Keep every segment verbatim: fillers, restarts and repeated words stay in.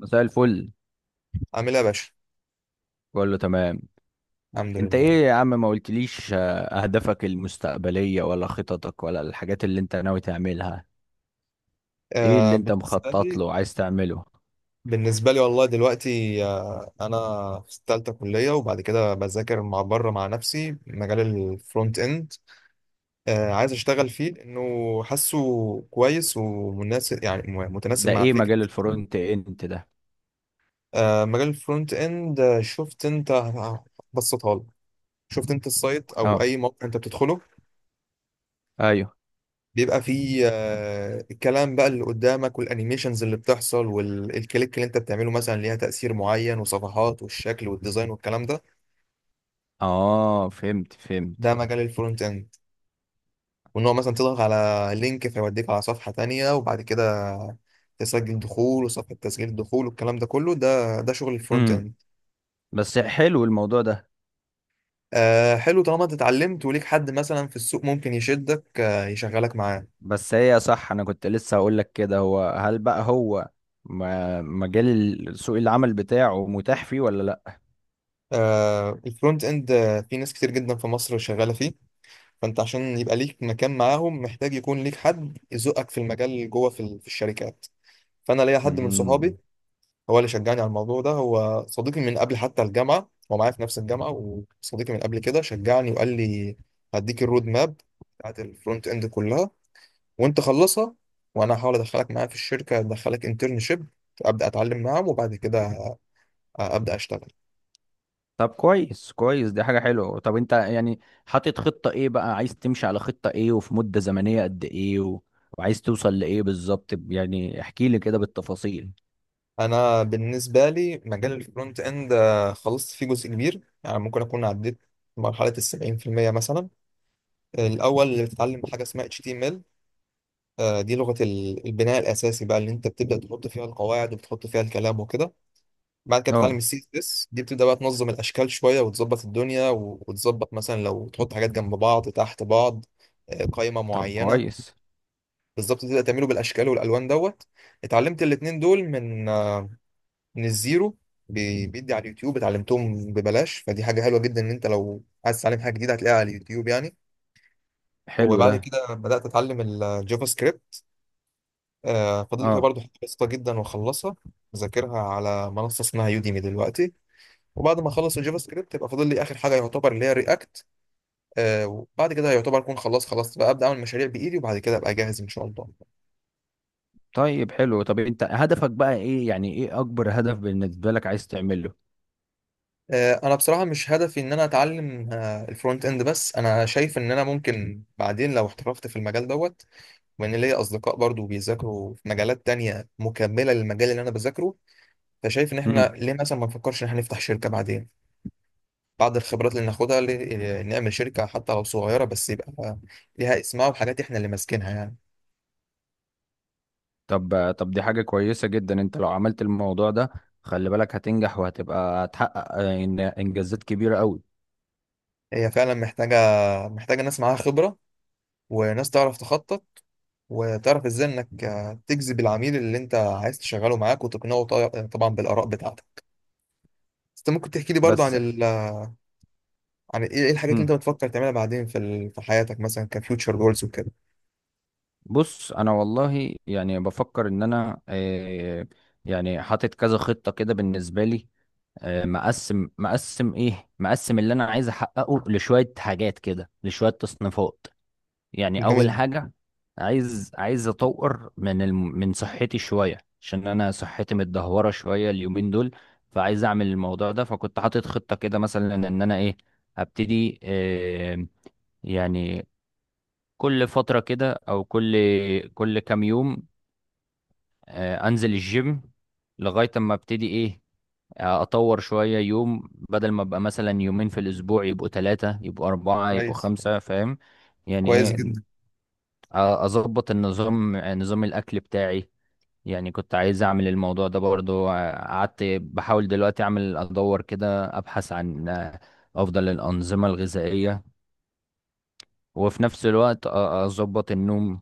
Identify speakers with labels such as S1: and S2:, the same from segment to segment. S1: مساء الفل.
S2: عامل ايه يا باشا؟
S1: كله تمام.
S2: الحمد
S1: انت
S2: لله.
S1: ايه يا عم؟ ما قلتليش، آه، اهدافك المستقبلية ولا خططك ولا الحاجات اللي انت ناوي تعملها؟ ايه
S2: آه
S1: اللي انت
S2: بالنسبه
S1: مخطط
S2: لي،
S1: له وعايز تعمله؟
S2: بالنسبه لي والله دلوقتي آه انا في ثالثه كليه، وبعد كده بذاكر مع بره مع نفسي مجال الفرونت اند. آه عايز اشتغل فيه لانه حاسه كويس ومناسب، يعني م- متناسب
S1: ده
S2: مع
S1: ايه مجال
S2: فكرتي.
S1: الفرونت اند ده؟
S2: آه مجال الفرونت اند، آه، شفت انت، هبسطها لك. شفت انت السايت او
S1: اه.
S2: اي موقع انت بتدخله
S1: ايوه.
S2: بيبقى فيه، آه، الكلام بقى اللي قدامك، والانيميشنز اللي بتحصل، والكليك اللي انت بتعمله مثلا ليها تأثير معين، وصفحات والشكل والديزاين والكلام ده.
S1: اه، فهمت فهمت.
S2: ده مجال الفرونت اند. وان هو مثلا تضغط على لينك فيوديك على صفحة تانية، وبعد كده تسجل دخول، وصفحة تسجيل الدخول، والكلام ده كله ده ده شغل الفرونت
S1: امم
S2: اند.
S1: بس حلو الموضوع ده.
S2: آه حلو، طالما انت اتعلمت وليك حد مثلا في السوق ممكن يشدك، آه يشغلك معاه.
S1: بس هي صح، انا كنت لسه هقول لك كده، هو هل بقى هو ما- مجال ال- سوق العمل بتاعه متاح فيه ولا لا؟
S2: آه الفرونت اند، آه في ناس كتير جدا في مصر شغالة فيه. فانت عشان يبقى ليك مكان معاهم محتاج يكون ليك حد يزقك في المجال جوه في, ال- في الشركات. فانا ليا حد من صحابي
S1: امم
S2: هو اللي شجعني على الموضوع ده. هو صديقي من قبل حتى الجامعه، هو معايا في نفس الجامعه، وصديقي من قبل كده. شجعني وقال لي هديك الرود ماب بتاعت الفرونت اند كلها، وانت خلصها، وانا هحاول ادخلك معايا في الشركه، ادخلك انترنشيب، ابدا اتعلم معاهم وبعد كده ابدا اشتغل.
S1: طب كويس كويس، دي حاجة حلوة. طب انت يعني حاطط خطة ايه بقى، عايز تمشي على خطة ايه، وفي مدة زمنية قد ايه و... وعايز توصل لإيه بالظبط؟ ب- يعني احكي لي كده بالتفاصيل.
S2: انا بالنسبه لي مجال الفرونت اند، آه خلصت فيه جزء كبير، يعني ممكن اكون عديت مرحله ال سبعين في المية مثلا. الاول بتتعلم حاجه اسمها إتش تي إم إل، آه دي لغه ال- البناء الاساسي بقى، اللي انت بتبدا تحط فيها القواعد وبتحط فيها الكلام وكده. بعد كده بتتعلم
S1: اه.
S2: السي اس اس، دي بتبدا بقى تنظم الاشكال شويه، وتظبط الدنيا و- وتظبط مثلا لو تحط حاجات جنب بعض تحت بعض، آه قائمه
S1: طب
S2: معينه
S1: كويس.
S2: بالظبط، تبدا تعمله بالاشكال والالوان دوت. اتعلمت الاتنين دول من آه، من الزيرو، بي- بيدي على اليوتيوب اتعلمتهم ببلاش، فدي حاجة حلوة جدا ان انت لو عايز تتعلم حاجة جديدة هتلاقيها على اليوتيوب يعني.
S1: حلو
S2: وبعد
S1: ده.
S2: كده بدأت اتعلم الجافا سكريبت، آه فاضل لي فيها
S1: اه.
S2: برضه حاجة بسيطة جدا واخلصها. بذاكرها على منصة اسمها يوديمي دلوقتي، وبعد ما اخلص الجافا سكريبت يبقى فاضل لي اخر حاجة يعتبر، اللي هي رياكت. آه وبعد كده يعتبر اكون خلاص، خلاص بقى ابدا اعمل مشاريع بايدي، وبعد كده ابقى جاهز ان شاء الله.
S1: طيب حلو. طب انت هدفك بقى ايه؟ يعني ايه اكبر هدف بالنسبة لك عايز تعمله؟
S2: آه انا بصراحه مش هدفي ان انا اتعلم، آه الفرونت اند بس. انا شايف ان انا ممكن بعدين لو احترفت في المجال دوت، وان ليا اصدقاء برضو بيذاكروا في مجالات تانية مكملة للمجال اللي انا بذاكره، فشايف ان احنا
S1: امم
S2: ليه مثلا ما نفكرش ان احنا نفتح شركة بعدين، بعد الخبرات اللي ناخدها ل- نعمل شركة حتى لو صغيرة، بس يبقى ليها اسمها وحاجات احنا اللي ماسكينها يعني.
S1: طب طب دي حاجة كويسة جدا، انت لو عملت الموضوع ده خلي بالك هتنجح، وهتبقى هتحقق آه، إن- انجازات كبيرة قوي.
S2: هي فعلا محتاجة، محتاجة ناس معاها خبرة، وناس تعرف تخطط، وتعرف ازاي انك آه تجذب العميل اللي انت عايز تشغله معاك وتقنعه طي- آه، طبعا بالآراء بتاعتك. بس انت ممكن تحكي لي برضو عن
S1: بس.
S2: ال... عن ايه، إيه الحاجات اللي انت
S1: مم.
S2: بتفكر تعملها بعدين في ال... في حياتك مثلا كفيوتشر جولز وكده؟
S1: بص، انا والله يعني بفكر ان انا، آه، يعني حاطط كذا خطه كده بالنسبه لي. آه، مقسم مقسم ايه مقسم اللي انا عايز احققه لشويه حاجات كده، لشويه تصنيفات. يعني اول
S2: جميل.
S1: حاجه، عايز عايز اطور من الم... من صحتي شويه، عشان انا صحتي متدهوره شويه اليومين دول. فعايز اعمل الموضوع ده. فكنت حاطط خطه كده مثلا ان انا ايه، ابتدي آه، يعني كل فترة كده، أو كل كل كام يوم آه، انزل الجيم، لغايه اما ابتدي ايه، آه، اطور شويه يوم، بدل ما ابقى مثلا يومين في الاسبوع يبقوا ثلاثه يبقوا اربعه يبقوا
S2: كويس،
S1: خمسه. فاهم يعني
S2: كويس
S1: ايه؟
S2: جدا.
S1: آه، اظبط النظام، آه، نظام الاكل بتاعي. يعني كنت عايز اعمل الموضوع ده برضو. آه، قعدت بحاول دلوقتي اعمل، ادور كده، ابحث عن آه، افضل الانظمه الغذائيه. وفي نفس الوقت آه، اظبط النوم،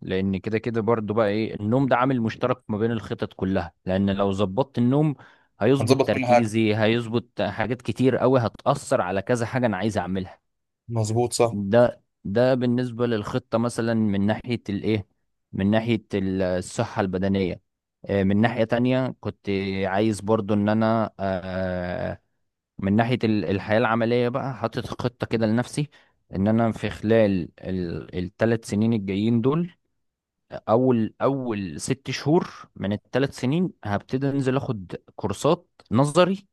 S1: لان كده كده برضو بقى ايه، النوم ده عامل مشترك ما بين الخطط كلها، لان لو ظبطت النوم هيظبط
S2: هنظبط كل حاجة.
S1: تركيزي، هيظبط حاجات كتير قوي هتأثر على كذا حاجة انا عايز اعملها.
S2: مظبوط، صح.
S1: ده ده بالنسبة للخطة مثلا من ناحية الايه، من ناحية ال- الصحة البدنية. آه، من ناحية تانية كنت عايز برضو ان انا، آه، من ناحية ال- الحياة العملية بقى، حاطط خطة كده لنفسي، ان انا في خلال الثلاث سنين الجايين دول، اول اول ست شهور من الثلاث سنين هبتدي انزل اخد كورسات نظري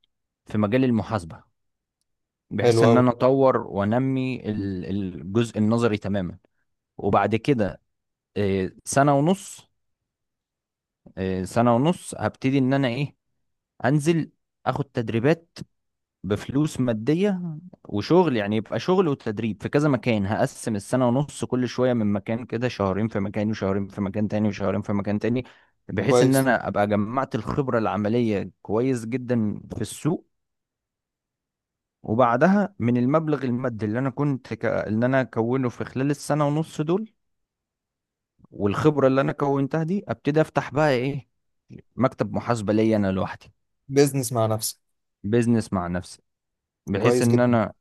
S1: في مجال المحاسبه،
S2: حلو
S1: بحيث ان
S2: أوي.
S1: انا اطور وانمي ال- الجزء النظري تماما. وبعد كده آه، سنه ونص آه، سنه ونص هبتدي ان انا ايه، انزل اخد تدريبات بفلوس مادية وشغل، يعني يبقى شغل وتدريب في كذا مكان. هقسم السنة ونص كل شوية من مكان كده، شهرين في مكان وشهرين في مكان تاني وشهرين في مكان تاني، بحيث ان
S2: كويس.
S1: انا ابقى جمعت الخبرة العملية كويس جدا في السوق. وبعدها من المبلغ المادي اللي انا كنت ك... اللي انا كونه في خلال السنة ونص دول، والخبرة اللي انا كونتها دي، ابتدي افتح بقى ايه، مكتب محاسبة ليا انا لوحدي.
S2: بيزنس مع نفسك.
S1: بيزنس مع نفسي، بحيث
S2: كويس
S1: ان
S2: جدا.
S1: انا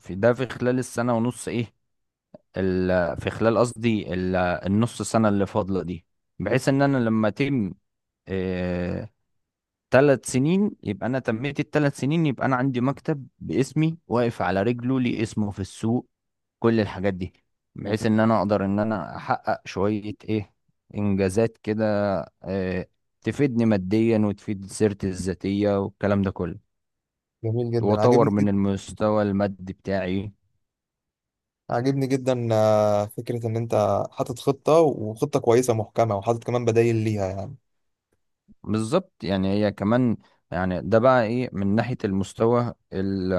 S1: في ده في خلال السنة ونص ايه، ال- في خلال قصدي ال- النص سنة اللي فاضلة دي، بحيث ان انا لما اتم ثلاث سنين، يبقى انا تميت الثلاث سنين، يبقى انا عندي مكتب باسمي واقف على رجله، ليه اسمه في السوق، كل الحاجات دي، بحيث ان انا اقدر ان انا احقق شوية ايه، انجازات كده آه، تفيدني ماديا وتفيد سيرتي الذاتية والكلام ده كله،
S2: جميل جدا.
S1: واطور
S2: عاجبني
S1: من
S2: جدا.
S1: المستوى المادي بتاعي.
S2: عاجبني جدا، آه فكرة إن أنت حاطط خطة، وخطة كويسة محكمة، وحاطط كمان بدايل ليها يعني.
S1: بالظبط، يعني هي كمان، يعني ده بقى ايه من ناحية المستوى ال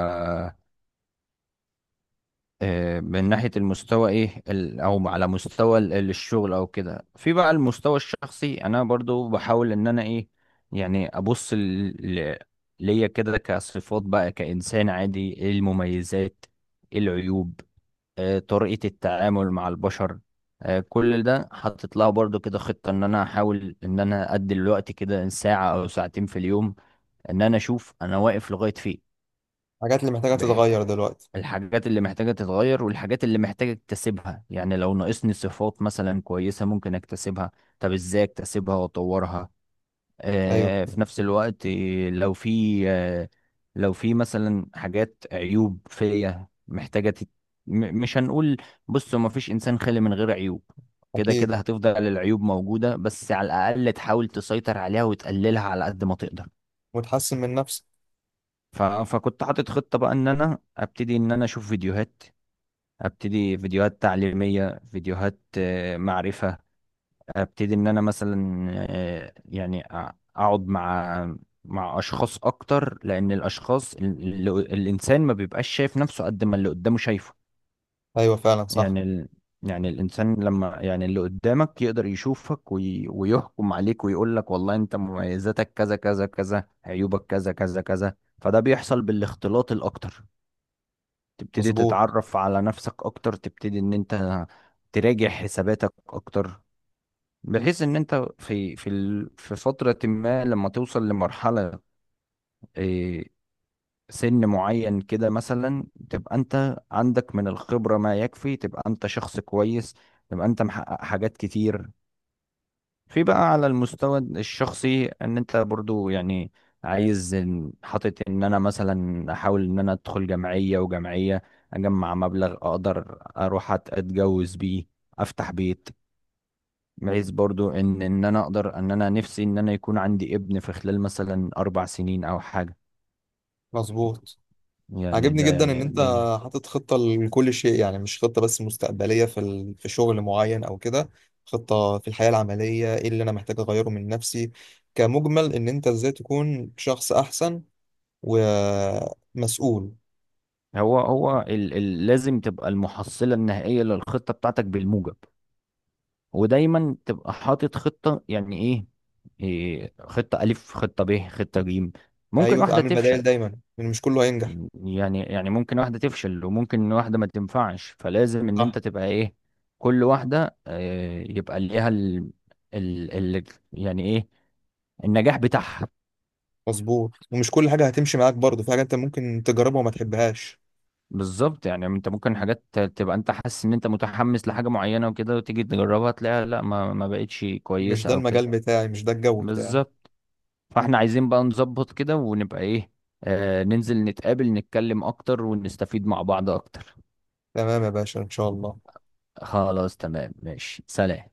S1: آه، من ناحية المستوى ايه، ال او على مستوى ال- الشغل او كده. في بقى المستوى الشخصي انا برضو بحاول ان انا ايه، يعني ابص ال- ل- ليا كده كصفات بقى كإنسان عادي، ايه المميزات، ايه العيوب، آه، طريقة التعامل مع البشر. آه، كل ده حاطط لها برضو كده خطة، ان انا احاول ان انا ادي الوقت كده ساعة او ساعتين في اليوم، ان انا اشوف انا واقف لغايه فين،
S2: الحاجات اللي محتاجة
S1: بح-
S2: تتغير دلوقتي.
S1: الحاجات اللي محتاجه تتغير، والحاجات اللي محتاجه اكتسبها. يعني لو ناقصني صفات مثلا كويسه ممكن اكتسبها، طب ازاي اكتسبها واطورها.
S2: أيوه.
S1: آه في نفس الوقت، آه، لو في آه لو في مثلا حاجات عيوب فيا محتاجه تت... م- مش هنقول، بصوا ما فيش انسان خالي من غير عيوب. كده
S2: أكيد.
S1: كده هتفضل العيوب موجودة، بس على الأقل تحاول تسيطر عليها وتقللها على قد ما تقدر.
S2: وتحسن من نفسك.
S1: ف... فكنت حاطط خطة بقى ان انا ابتدي ان انا اشوف فيديوهات، ابتدي فيديوهات تعليمية، فيديوهات آه، معرفة. ابتدي ان انا مثلا آه، يعني أ- اقعد مع مع اشخاص اكتر، لان الاشخاص اللي... الانسان ما بيبقاش شايف نفسه قد ما اللي قدامه شايفه.
S2: أيوه، فعلا صح.
S1: يعني ال... يعني الانسان لما يعني اللي قدامك يقدر يشوفك وي... ويحكم عليك ويقول لك والله انت مميزاتك كذا كذا كذا، عيوبك كذا كذا كذا. فده بيحصل بالاختلاط الاكتر، تبتدي
S2: مظبوط.
S1: تتعرف على نفسك اكتر، تبتدي ان انت تراجع حساباتك اكتر، بحيث ان انت في في ال- في فترة ما لما توصل لمرحلة إيه، سن معين كده مثلا، تبقى انت عندك من الخبرة ما يكفي، تبقى انت شخص كويس، تبقى انت محقق حاجات كتير. في بقى على المستوى الشخصي ان انت برضو يعني عايز إن- حاطط ان انا مثلا احاول ان انا ادخل جمعية وجمعية، اجمع مبلغ اقدر اروح أت- اتجوز بيه، افتح بيت، بحيث برضو ان ان انا اقدر، ان انا نفسي ان انا يكون عندي ابن في خلال مثلا اربع سنين او حاجة.
S2: مظبوط،
S1: يعني
S2: عجبني
S1: ده
S2: جدا ان
S1: يعني
S2: انت
S1: دي.
S2: حاطط خطة لكل شيء، يعني مش خطة بس مستقبلية في ال... في شغل معين او كده. خطة في الحياة العملية، ايه اللي انا محتاج اغيره من نفسي كمجمل، ان انت ازاي تكون شخص احسن ومسؤول.
S1: هو هو ال ال لازم تبقى المحصلة النهائية للخطة بتاعتك بالموجب، ودايما تبقى حاطط خطة، يعني ايه، إيه، خطة ألف خطة ب خطة جيم. ممكن
S2: ايوه،
S1: واحدة
S2: تعمل
S1: تفشل،
S2: بدائل دايما لان مش كله هينجح.
S1: يعني يعني ممكن واحدة تفشل وممكن واحدة ما تنفعش، فلازم إن
S2: صح.
S1: أنت تبقى إيه، كل واحدة آه، يبقى ليها ال... ال... ال... يعني إيه، النجاح بتاعها.
S2: مظبوط، ومش كل حاجة هتمشي معاك برضه، في حاجة انت ممكن تجربها وما تحبهاش.
S1: بالظبط، يعني أنت ممكن حاجات ت- تبقى أنت حاسس إن أنت متحمس لحاجة معينة وكده، وتيجي تجربها تلاقيها لا، ما ما بقتش
S2: مش ده
S1: كويسة أو كده.
S2: المجال بتاعي، مش ده الجو بتاعي.
S1: بالظبط. فاحنا عايزين بقى نظبط كده، ونبقى ايه، آه ننزل نتقابل، نتكلم اكتر ونستفيد مع بعض اكتر.
S2: تمام يا باشا، ان شاء الله.
S1: خلاص تمام، ماشي، سلام.